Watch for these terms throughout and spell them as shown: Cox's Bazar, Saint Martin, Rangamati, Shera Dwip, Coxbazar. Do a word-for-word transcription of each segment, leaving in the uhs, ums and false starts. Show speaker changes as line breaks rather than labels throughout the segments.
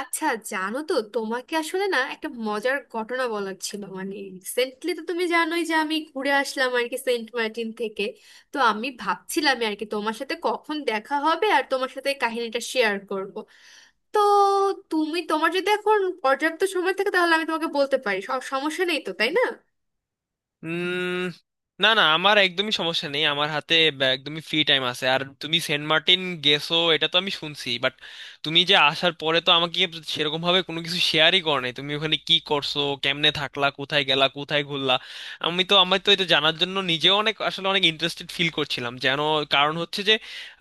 আচ্ছা, জানো তো, তোমাকে আসলে না একটা মজার ঘটনা বলার ছিল। মানে রিসেন্টলি তো তুমি জানোই যে আমি ঘুরে আসলাম আর কি সেন্ট মার্টিন থেকে। তো আমি ভাবছিলাম আর কি তোমার সাথে কখন দেখা হবে আর তোমার সাথে এই কাহিনীটা শেয়ার করব। তো তুমি, তোমার যদি এখন পর্যাপ্ত সময় থাকে তাহলে আমি তোমাকে বলতে পারি, স- সমস্যা নেই তো, তাই না?
উম না না, আমার একদমই সমস্যা নেই। আমার হাতে বা- একদমই ফ্রি টাইম আছে। আর তুমি সেন্ট মার্টিন গেছো এটা তো আমি শুনছি, বাট তুমি যে আসার পরে তো আমাকে সেরকম ভাবে কোনো কিছু শেয়ারই করো নাই। তুমি ওখানে কি করছো, কেমনে থাকলা, কোথায় গেলা, কোথায় ঘুরলা? আমি তো আমার তো এটা জানার জন্য নিজেও অনেক আসলে অনেক ইন্টারেস্টেড ফিল করছিলাম যেন। কারণ হচ্ছে যে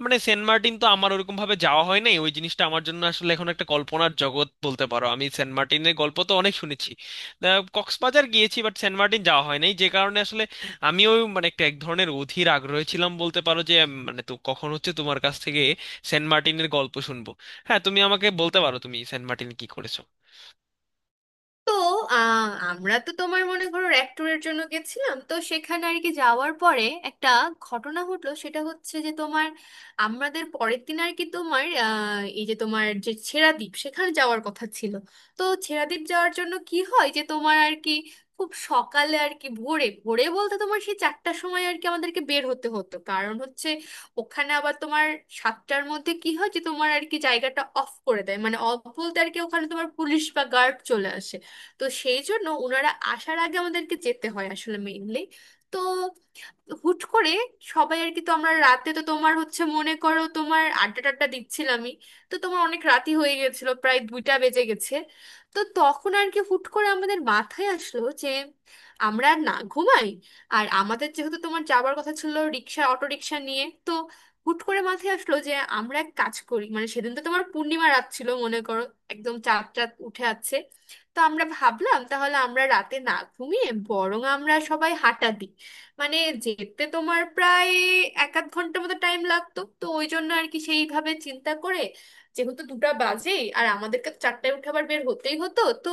মানে সেন্ট মার্টিন তো আমার ওরকম ভাবে যাওয়া হয় নাই। ওই জিনিসটা আমার জন্য আসলে এখন একটা কল্পনার জগৎ বলতে পারো। আমি সেন্ট মার্টিনের গল্প তো অনেক শুনেছি। আহ, কক্সবাজার গিয়েছি, বাট সেন্ট মার্টিন যাওয়া হয় নাই। যে কারণে আসলে আমিও মানে একটা এক ধরনের অধীর আগ্রহে ছিলাম বলতে পারো যে উম, মানে তো কখন হচ্ছে তোমার কাছ থেকে সেন্ট মার্টিনের গল্প শুনবো। হ্যাঁ, তুমি আমাকে বলতে পারো, তুমি সেন্ট মার্টিন কি করেছো।
তো আহ, আমরা তো তোমার মনে করো র্যাক ট্যুরের জন্য গেছিলাম। তো সেখানে আর কি যাওয়ার পরে একটা ঘটনা ঘটলো। সেটা হচ্ছে যে তোমার আমাদের পরের দিন আর কি তোমার আহ, এই যে তোমার যে ছেড়াদ্বীপ, সেখানে যাওয়ার কথা ছিল। তো ছেড়াদ্বীপ যাওয়ার জন্য কি হয় যে তোমার আর কি খুব সকালে আর কি ভোরে ভোরে বলতে তোমার সেই চারটার সময় আর কি আমাদেরকে বের হতে হতো। কারণ হচ্ছে ওখানে আবার তোমার সাতটার মধ্যে কি হয় যে তোমার আর কি জায়গাটা অফ করে দেয়। মানে অফ বলতে আর কি ওখানে তোমার পুলিশ বা গার্ড চলে আসে। তো সেই জন্য ওনারা আসার আগে আমাদেরকে যেতে হয় আসলে মেইনলি। তো হুট করে সবাই আর কি, তো আমরা রাতে তো তোমার হচ্ছে মনে করো তোমার আড্ডা টাড্ডা দিচ্ছিলামই। তো তোমার অনেক রাতি হয়ে গেছিল, প্রায় দুইটা বেজে গেছে। তো তখন আর কি হুট করে আমাদের মাথায় আসলো যে আমরা আর না ঘুমাই। আর আমাদের যেহেতু তোমার যাওয়ার কথা ছিল রিক্সা, অটো রিক্সা নিয়ে, তো হুট করে মাথায় আসলো যে আমরা এক কাজ করি। মানে সেদিন তো তোমার পূর্ণিমা রাত ছিল মনে করো, একদম চাঁদ চাঁদ উঠে আছে। তো আমরা ভাবলাম তাহলে আমরা রাতে না ঘুমিয়ে বরং আমরা সবাই হাঁটা দিই। মানে যেতে তোমার প্রায় এক আধ ঘন্টার মতো টাইম লাগতো। তো ওই জন্য আর কি সেইভাবে চিন্তা করে, যেহেতু দুটা বাজেই আর আমাদেরকে তো চারটায় উঠে আবার বের হতেই হতো, তো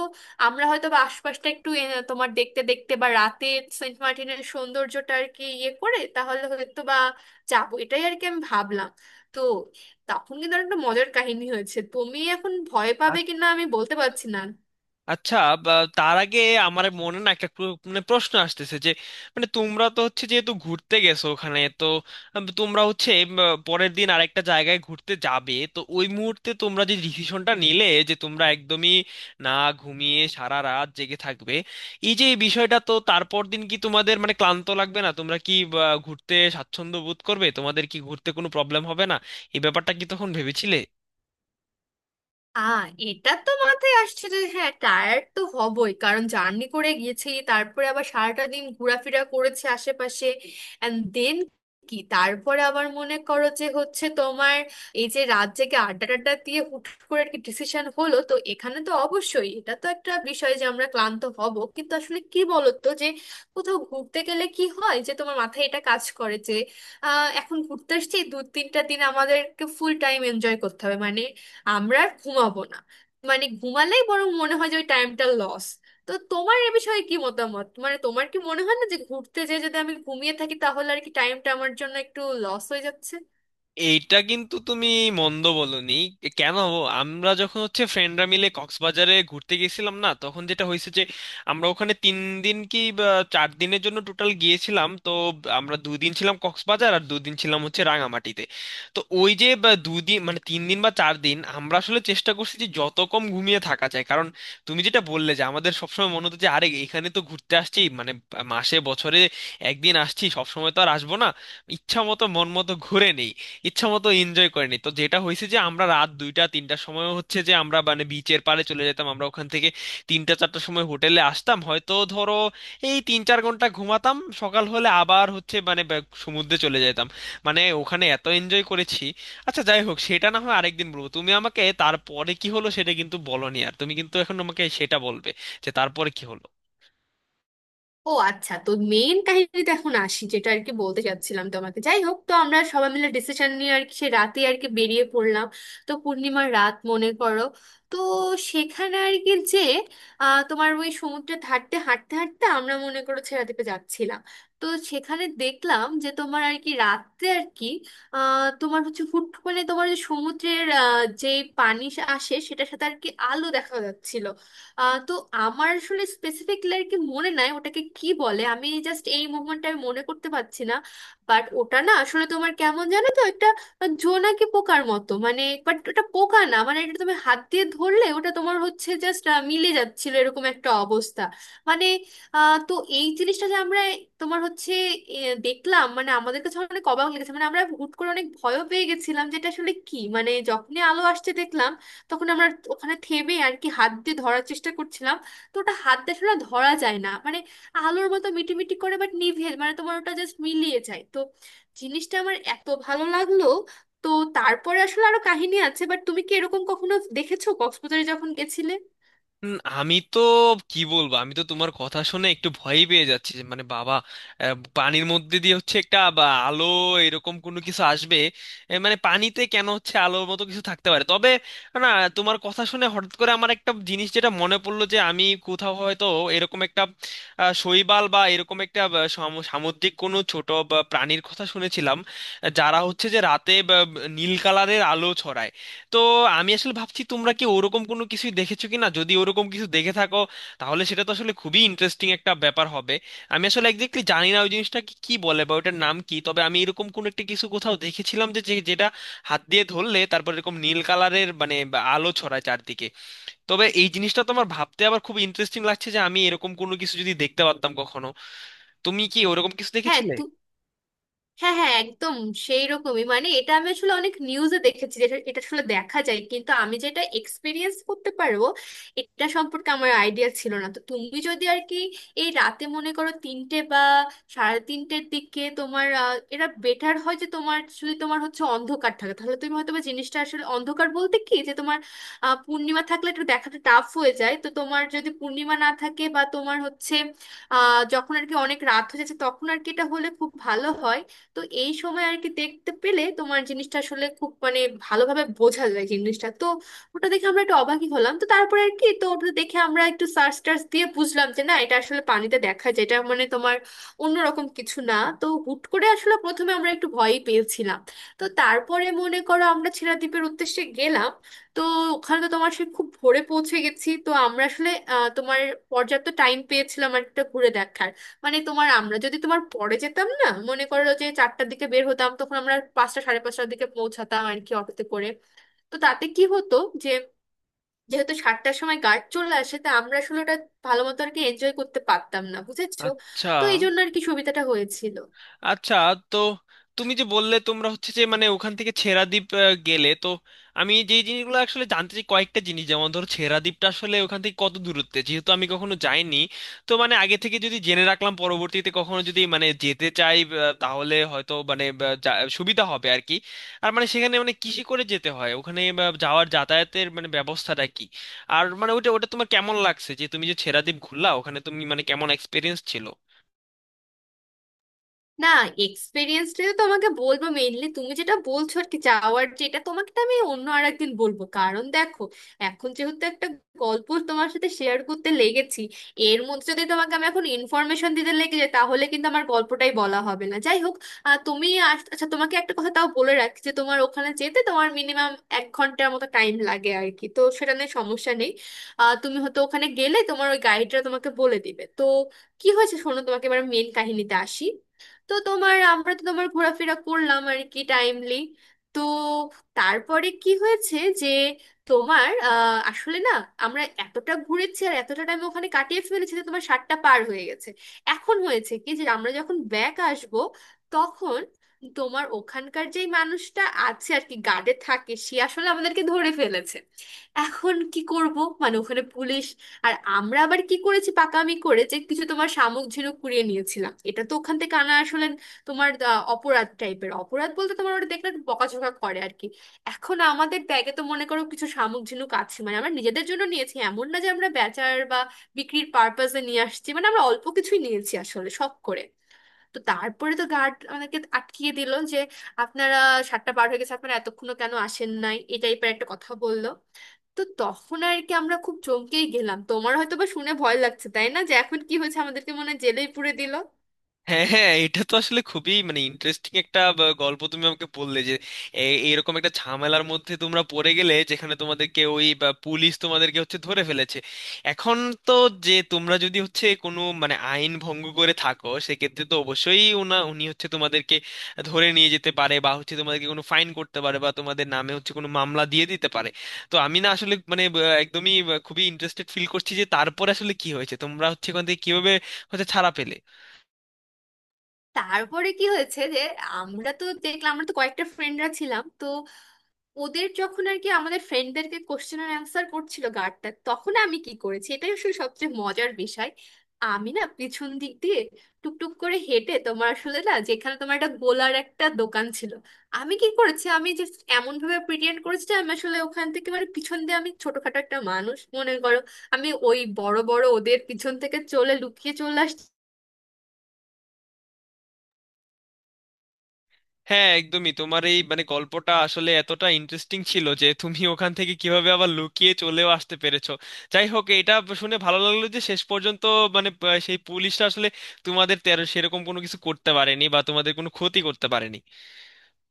আমরা হয়তো বা আশপাশটা একটু এ, তোমার দেখতে দেখতে বা রাতে সেন্ট মার্টিনের সৌন্দর্যটা আর কি ইয়ে করে তাহলে হয়তো বা যাবো, এটাই আর কি আমি ভাবলাম। তো তখন কিন্তু আর একটা মজার কাহিনী হয়েছে। তুমি এখন ভয় পাবে কিনা আমি বলতে পারছি না।
আচ্ছা। বা, তার আগে আমার মনে না একটা প্র- মানে প্রশ্ন আসতেছে যে মানে তোমরা তো হচ্ছে যেহেতু ঘুরতে গেছো ওখানে, তো আম, তোমরা হচ্ছে উম, পরের দিন আরেকটা জায়গায় ঘুরতে যাবে, তো ওই মুহূর্তে তোমরা যে ডিসিশনটা নিলে যে তোমরা একদমই না ঘুমিয়ে সারা রাত জেগে থাকবে, এই যে এই বিষয়টা, তো তারপর দিন কি তোমাদের মানে ক্লান্ত লাগবে না? তোমরা কি বা, ঘুরতে স্বাচ্ছন্দ্য বোধ করবে? তোমাদের কি ঘুরতে কোনো প্রবলেম হবে না? এই ব্যাপারটা কি তখন ভেবেছিলে?
আ এটা তো মাথায় আসছে যে হ্যাঁ, টায়ার্ড তো হবই, কারণ জার্নি করে গেছি, তারপরে আবার সারাটা দিন ঘোরাফেরা করেছে আশেপাশে। অ্যান্ড দেন কি, তারপরে আবার মনে করো যে হচ্ছে তোমার এই যে রাত জেগে আড্ডা টাড্ডা দিয়ে হুট করে আর কি ডিসিশন হলো, তো এখানে তো অবশ্যই এটা তো একটা বিষয় যে আমরা ক্লান্ত হব। কিন্তু আসলে কি বলতো যে কোথাও ঘুরতে গেলে কি হয় যে তোমার মাথায় এটা কাজ করে যে আহ, এখন ঘুরতে আসছি দু তিনটা দিন, আমাদেরকে ফুল টাইম এনজয় করতে হবে। মানে আমরা আর ঘুমাবো না। মানে ঘুমালেই বরং মনে হয় যে ওই টাইমটা লস। তো তোমার এ বিষয়ে কি মতামত? মানে তোমার কি মনে হয় না যে ঘুরতে যেয়ে যদি আমি ঘুমিয়ে থাকি তাহলে আর কি টাইমটা আমার জন্য একটু লস হয়ে যাচ্ছে?
এইটা কিন্তু তুমি মন্দ বলনি। কেন? আমরা যখন হচ্ছে ফ্রেন্ডরা মিলে কক্সবাজারে ঘুরতে গেছিলাম না, তখন যেটা হয়েছে যে আমরা ওখানে তিন দিন কি বা চার দিনের জন্য টোটাল গিয়েছিলাম। তো আমরা দুদিন ছিলাম কক্সবাজার আর দুদিন ছিলাম হচ্ছে রাঙামাটিতে। তো ওই যে বা দুদিন মানে তিন দিন বা চার দিন আমরা আসলে চেষ্টা করছি যে যত কম ঘুমিয়ে থাকা যায়। কারণ তুমি যেটা বললে যে আমাদের সবসময় মনে হতো যে আরে, এখানে তো ঘুরতে আসছি মানে মাসে বছরে একদিন আসছি, সবসময় তো আর আসবো না। ইচ্ছা মতো মন মতো ঘুরে নেই, ইচ্ছা মতো এনজয় করেনি। তো যেটা হয়েছে যে আমরা রাত দুইটা তিনটার সময় হচ্ছে যে আমরা মানে বিচের পাড়ে চলে যেতাম। আমরা ওখান থেকে তিনটা চারটার সময় হোটেলে আসতাম, হয়তো ধরো এই তিন চার ঘন্টা ঘুমাতাম। সকাল হলে আবার হচ্ছে মানে ব্যাক সমুদ্রে চলে যেতাম। মানে ওখানে এত এনজয় করেছি। আচ্ছা যাই হোক, সেটা না হয় আরেকদিন বলবো। তুমি আমাকে তারপরে কি হলো সেটা কিন্তু বলোনি। আর তুমি কিন্তু এখন আমাকে সেটা বলবে, যে তারপরে কি হলো।
ও আচ্ছা, তো মেইন কাহিনীতে এখন আসি, যেটা আর কি বলতে চাচ্ছিলাম তোমাকে। যাই হোক, তো আমরা সবাই মিলে ডিসিশন নিয়ে আর কি সে রাতে আর কি বেরিয়ে পড়লাম। তো পূর্ণিমার রাত মনে করো। তো সেখানে আর কি যে আহ, তোমার ওই সমুদ্রের ধারতে হাঁটতে হাঁটতে আমরা মনে করো ছেড়াদ্বীপে যাচ্ছিলাম। তো সেখানে দেখলাম যে তোমার আর কি রাতে আর কি আহ, তোমার হচ্ছে হুট করে তোমার যে সমুদ্রের আহ, যে পানি আসে, সেটার সাথে আর কি আলো দেখা যাচ্ছিল। আহ, তো আমার আসলে স্পেসিফিকলি আর কি মনে নাই ওটাকে কি বলে, আমি জাস্ট এই মুভমেন্টটা আমি মনে করতে পারছি না। বাট ওটা না আসলে তোমার কেমন, জানো তো, একটা জোনাকি পোকার মতো। মানে বাট ওটা পোকা না, মানে এটা তুমি হাত দিয়ে ধরলে ওটা তোমার হচ্ছে জাস্ট মিলে যাচ্ছিল, এরকম একটা অবস্থা। মানে আহ, তো এই জিনিসটা যে আমরা তোমার হচ্ছে এ, দেখলাম, মানে আমাদের কাছে অনেক অবাক লেগেছে। মানে আমরা হুট করে অনেক ভয়ও পেয়ে গেছিলাম যেটা আসলে কি, মানে যখনই আলো আসছে দেখলাম, তখন আমরা ওখানে থেমে আর কি হাত দিয়ে ধরার চেষ্টা করছিলাম। তো ওটা হাত দিয়ে আসলে ধরা যায় না। মানে আলোর মতো মিটিমিটি করে, বাট নিভে, মানে তোমার ওটা জাস্ট মিলিয়ে যায়। তো জিনিসটা আমার এত ভালো লাগলো। তো তারপরে আসলে আরো কাহিনী আছে, বাট তুমি কি এরকম কখনো দেখেছো কক্সবাজারে যখন গেছিলে?
উম, আমি তো কি বলবো, আমি তো তোমার কথা শুনে একটু ভয়ই পেয়ে যাচ্ছি যে মানে বাবা, আহ, পানির মধ্যে দিয়ে হচ্ছে একটা বা আলো, এরকম কোনো কিছু আসবে? এ, মানে পানিতে কেন হচ্ছে আলোর মতো কিছু থাকতে পারে, তবে না, তোমার কথা শুনে হঠাৎ করে আমার একটা জিনিস যেটা মনে পড়লো যে আমি কোথাও হয়তো এরকম একটা আহ, শৈবাল বা এরকম একটা আহ, সামু- সামুদ্রিক কোনো ছোট বা প্রাণীর কথা শুনেছিলাম, আহ, যারা হচ্ছে যে রাতে বা, নীল কালারের আলো ছড়ায়। তো আমি আসলে ভাবছি তোমরা কি ওরকম কোনো কিছুই দেখেছো কিনা। যদি ওরকম কিছু দেখে থাকো, তাহলে সেটা তো আসলে খুবই ইন্টারেস্টিং একটা ব্যাপার হবে। আমি আসলে একজাক্টলি জানি না ওই জিনিসটাকে কি বলে বা ওটার নাম কি, তবে আমি এরকম কোনো একটা কিছু কোথাও দেখেছিলাম যে যে- যেটা হাত দিয়ে ধরলে তারপর এরকম নীল কালারের মানে বা আলো ছড়ায় চারদিকে। তবে এই জিনিসটা তো আমার ভাবতে আবার খুব ইন্টারেস্টিং লাগছে যে আমি এরকম কোনো কিছু যদি দেখতে পারতাম কখনো। তুমি কি ওরকম কিছু
হ্যাঁ
দেখেছিলে?
তু হ্যাঁ হ্যাঁ, একদম সেই রকমই। মানে এটা আমি আসলে অনেক নিউজে দেখেছি, যেটা এটা আসলে দেখা যায়, কিন্তু আমি যেটা এক্সপিরিয়েন্স করতে পারবো এটা সম্পর্কে আমার আইডিয়া ছিল না। তো তুমি যদি আর কি এই রাতে মনে করো তিনটে বা সাড়ে তিনটের দিকে তোমার আহ, এটা বেটার হয় যে তোমার যদি তোমার হচ্ছে অন্ধকার থাকে, তাহলে তুমি হয়তো বা জিনিসটা আসলে, অন্ধকার বলতে কি যে তোমার আহ, পূর্ণিমা থাকলে একটু দেখাটা টাফ হয়ে যায়। তো তোমার যদি পূর্ণিমা না থাকে বা তোমার হচ্ছে আহ, যখন আর কি অনেক রাত হয়ে যাচ্ছে, তখন আর কি এটা হলে খুব ভালো হয়। তো এই সময় আর কি দেখতে পেলে তোমার জিনিসটা আসলে খুব, মানে ভালোভাবে বোঝা যায় জিনিসটা। তো ওটা দেখে আমরা একটু অবাকই হলাম। তো তারপরে আর কি, তো ওটা দেখে আমরা একটু সার্চ টার্চ দিয়ে বুঝলাম যে না, এটা আসলে পানিতে দেখা যায়, এটা মানে তোমার অন্যরকম কিছু না। তো হুট করে আসলে প্রথমে আমরা একটু ভয়ই পেয়েছিলাম। তো তারপরে মনে করো আমরা ছেড়া দ্বীপের উদ্দেশ্যে গেলাম। তো ওখানে তো তোমার সে খুব ভোরে পৌঁছে গেছি, তো আমরা আসলে আহ, তোমার পর্যাপ্ত টাইম পেয়েছিলাম আর একটা ঘুরে দেখার। মানে তোমার আমরা যদি তোমার পরে যেতাম না, মনে করো যে চারটার দিকে বের হতাম, তখন আমরা পাঁচটা সাড়ে পাঁচটার দিকে পৌঁছাতাম আর কি অটোতে করে। তো তাতে কি হতো যে যেহেতু সাতটার সময় গার্ড চলে আসে, তা আমরা আসলে ওটা ভালো মতো আর কি এনজয় করতে পারতাম না, বুঝেছো?
আচ্ছা
তো এই জন্য আর কি সুবিধাটা হয়েছিল।
আচ্ছা। তো তুমি যে বললে তোমরা হচ্ছে যে মানে ওখান থেকে ছেড়াদ্বীপ আহ, গেলে, তো আমি যে জিনিসগুলো আসলে জানতে চাই কয়েকটা জিনিস, যেমন ধরো ছেড়াদ্বীপটা আসলে ওখান থেকে কত দূরত্বে, যেহেতু আমি কখনো যাইনি। তো মানে আগে থেকে যদি জেনে রাখলাম পরবর্তীতে কখনো যদি মানে যেতে চাই, আহ, তাহলে হয়তো মানে আহ, যা- সুবিধা হবে আর কি। আর মানে সেখানে মানে কিসে করে যেতে হয় ওখানে, আহ, যাওয়ার যাতায়াতের মানে ব্যবস্থাটা কি। আর মানে ওটা ওটা তোমার কেমন লাগছে যে তুমি যে ছেড়াদ্বীপ ঘুরলা, ওখানে তুমি মানে কেমন এক্সপিরিয়েন্স ছিল।
না, এক্সপিরিয়েন্স তো তোমাকে বলবো মেইনলি। তুমি যেটা বলছো আর কি যাওয়ার, যেটা তোমাকে তো আমি অন্য আর একদিন বলবো, কারণ দেখো এখন যেহেতু একটা গল্প তোমার সাথে শেয়ার করতে লেগেছি, এর মধ্যে যদি তোমাকে আমি এখন ইনফরমেশন দিতে লেগে যাই তাহলে কিন্তু আমার গল্পটাই বলা হবে না। যাই হোক, আহ, তুমি আস- আচ্ছা তোমাকে একটা কথা তাও বলে রাখছি যে তোমার ওখানে যেতে তোমার মিনিমাম এক ঘন্টার মতো টাইম লাগে আর কি, তো সেটা নিয়ে সমস্যা নেই। আহ, তুমি হয়তো ওখানে গেলে তোমার ওই গাইডরা তোমাকে বলে দিবে। তো কি হয়েছে, শোনো, তোমাকে এবার মেন কাহিনীতে আসি। তো তোমার আমরা তো তোমার ঘোরাফেরা করলাম আর কি টাইমলি। তো তারপরে কি হয়েছে যে তোমার আহ, আসলে না আমরা এতটা ঘুরেছি আর এতটা টাইম ওখানে কাটিয়ে ফেলেছি যে তোমার সাতটা পার হয়ে গেছে। এখন হয়েছে কি যে আমরা যখন ব্যাক আসব তখন তোমার ওখানকার যেই মানুষটা আছে আর কি গার্ডে থাকে সে আসলে আমাদেরকে ধরে ফেলেছে। এখন কি করব, মানে ওখানে পুলিশ! আর আমরা আবার কি করেছি, পাকামি করে যে কিছু তোমার শামুক ঝিনুক কুড়িয়ে নিয়েছিলাম। এটা তো ওখান থেকে আনা আসলে তোমার আহ, অপরাধ টাইপের, অপরাধ বলতে তোমার ওটা দেখলে একটু বকাঝকা করে আর কি। এখন আমাদের ব্যাগে তো মনে করো কিছু শামুক ঝিনুক আছে, মানে আমরা নিজেদের জন্য নিয়েছি, এমন না যে আমরা বেচার বা বিক্রির পারপাসে নিয়ে আসছি। মানে আমরা অল্প কিছুই নিয়েছি আসলে শখ করে। তো তারপরে তো গার্ড আমাদেরকে আটকিয়ে দিল যে আপনারা সাতটা পার হয়ে গেছে, আপনারা এতক্ষণও কেন আসেন নাই, এই টাইপের একটা কথা বললো। তো তখন আর কি আমরা খুব চমকেই গেলাম। তোমার হয়তো বা শুনে ভয় লাগছে, তাই না, যে এখন কি হয়েছে, আমাদেরকে মনে হয় জেলেই পুরে দিল!
হ্যাঁ হ্যাঁ, এটা তো আসলে খুবই মানে ইন্টারেস্টিং একটা ব- গল্প তুমি আমাকে বললে, যে এ- এইরকম একটা ঝামেলার মধ্যে তোমরা পড়ে গেলে, যেখানে তোমাদেরকে ওই বা পুলিশ তোমাদেরকে হচ্ছে ধরে ফেলেছে। এখন তো যে তোমরা যদি হচ্ছে কোনো মানে আইন ভঙ্গ করে থাকো, সেক্ষেত্রে তো অবশ্যই উনা উনি হচ্ছে তোমাদেরকে ধরে নিয়ে যেতে পারে বা হচ্ছে তোমাদেরকে কোনো ফাইন করতে পারে বা তোমাদের নামে হচ্ছে কোনো মামলা দিয়ে দিতে পারে। তো আমি না আসলে মানে ব- একদমই ব- খুবই ইন্টারেস্টেড ফিল করছি যে তারপর আসলে কি হয়েছে, তোমরা হচ্ছে ওখান থেকে কিভাবে হচ্ছে ছাড়া পেলে।
তারপরে কি হয়েছে যে আমরা তো দেখলাম আমরা তো কয়েকটা ফ্রেন্ডরা ছিলাম, তো ওদের যখন আর কি আমাদের ফ্রেন্ডদেরকে কোশ্চেন আর অ্যান্সার করছিল গার্ডটা, তখন আমি কি করেছি এটাই আসলে সবচেয়ে মজার বিষয়। আমি না পিছন দিক দিয়ে টুকটুক করে হেঁটে তোমার আসলে না, যেখানে তোমার একটা গোলার একটা দোকান ছিল, আমি কি করেছি আমি যে এমন ভাবে প্রিটেন্ড করেছি যে আমি আসলে ওখান থেকে মানে পিছন দিয়ে, আমি ছোটখাটো একটা মানুষ মনে করো, আমি ওই বড় বড় ওদের পিছন থেকে চলে লুকিয়ে চলে আসছি।
হ্যাঁ একদমই, তোমার এই মানে গল্পটা আসলে এতটা ইন্টারেস্টিং ছিল যে তুমি ওখান থেকে কিভাবে আবার লুকিয়ে চলেও আসতে পেরেছো। যাই হোক, এটা শুনে ভালো লাগলো যে শেষ পর্যন্ত মানে আহ, সেই পুলিশটা আসলে তোমাদের তেরো সেরকম কোনো কিছু করতে পারেনি বা তোমাদের কোনো ক্ষতি করতে পারেনি।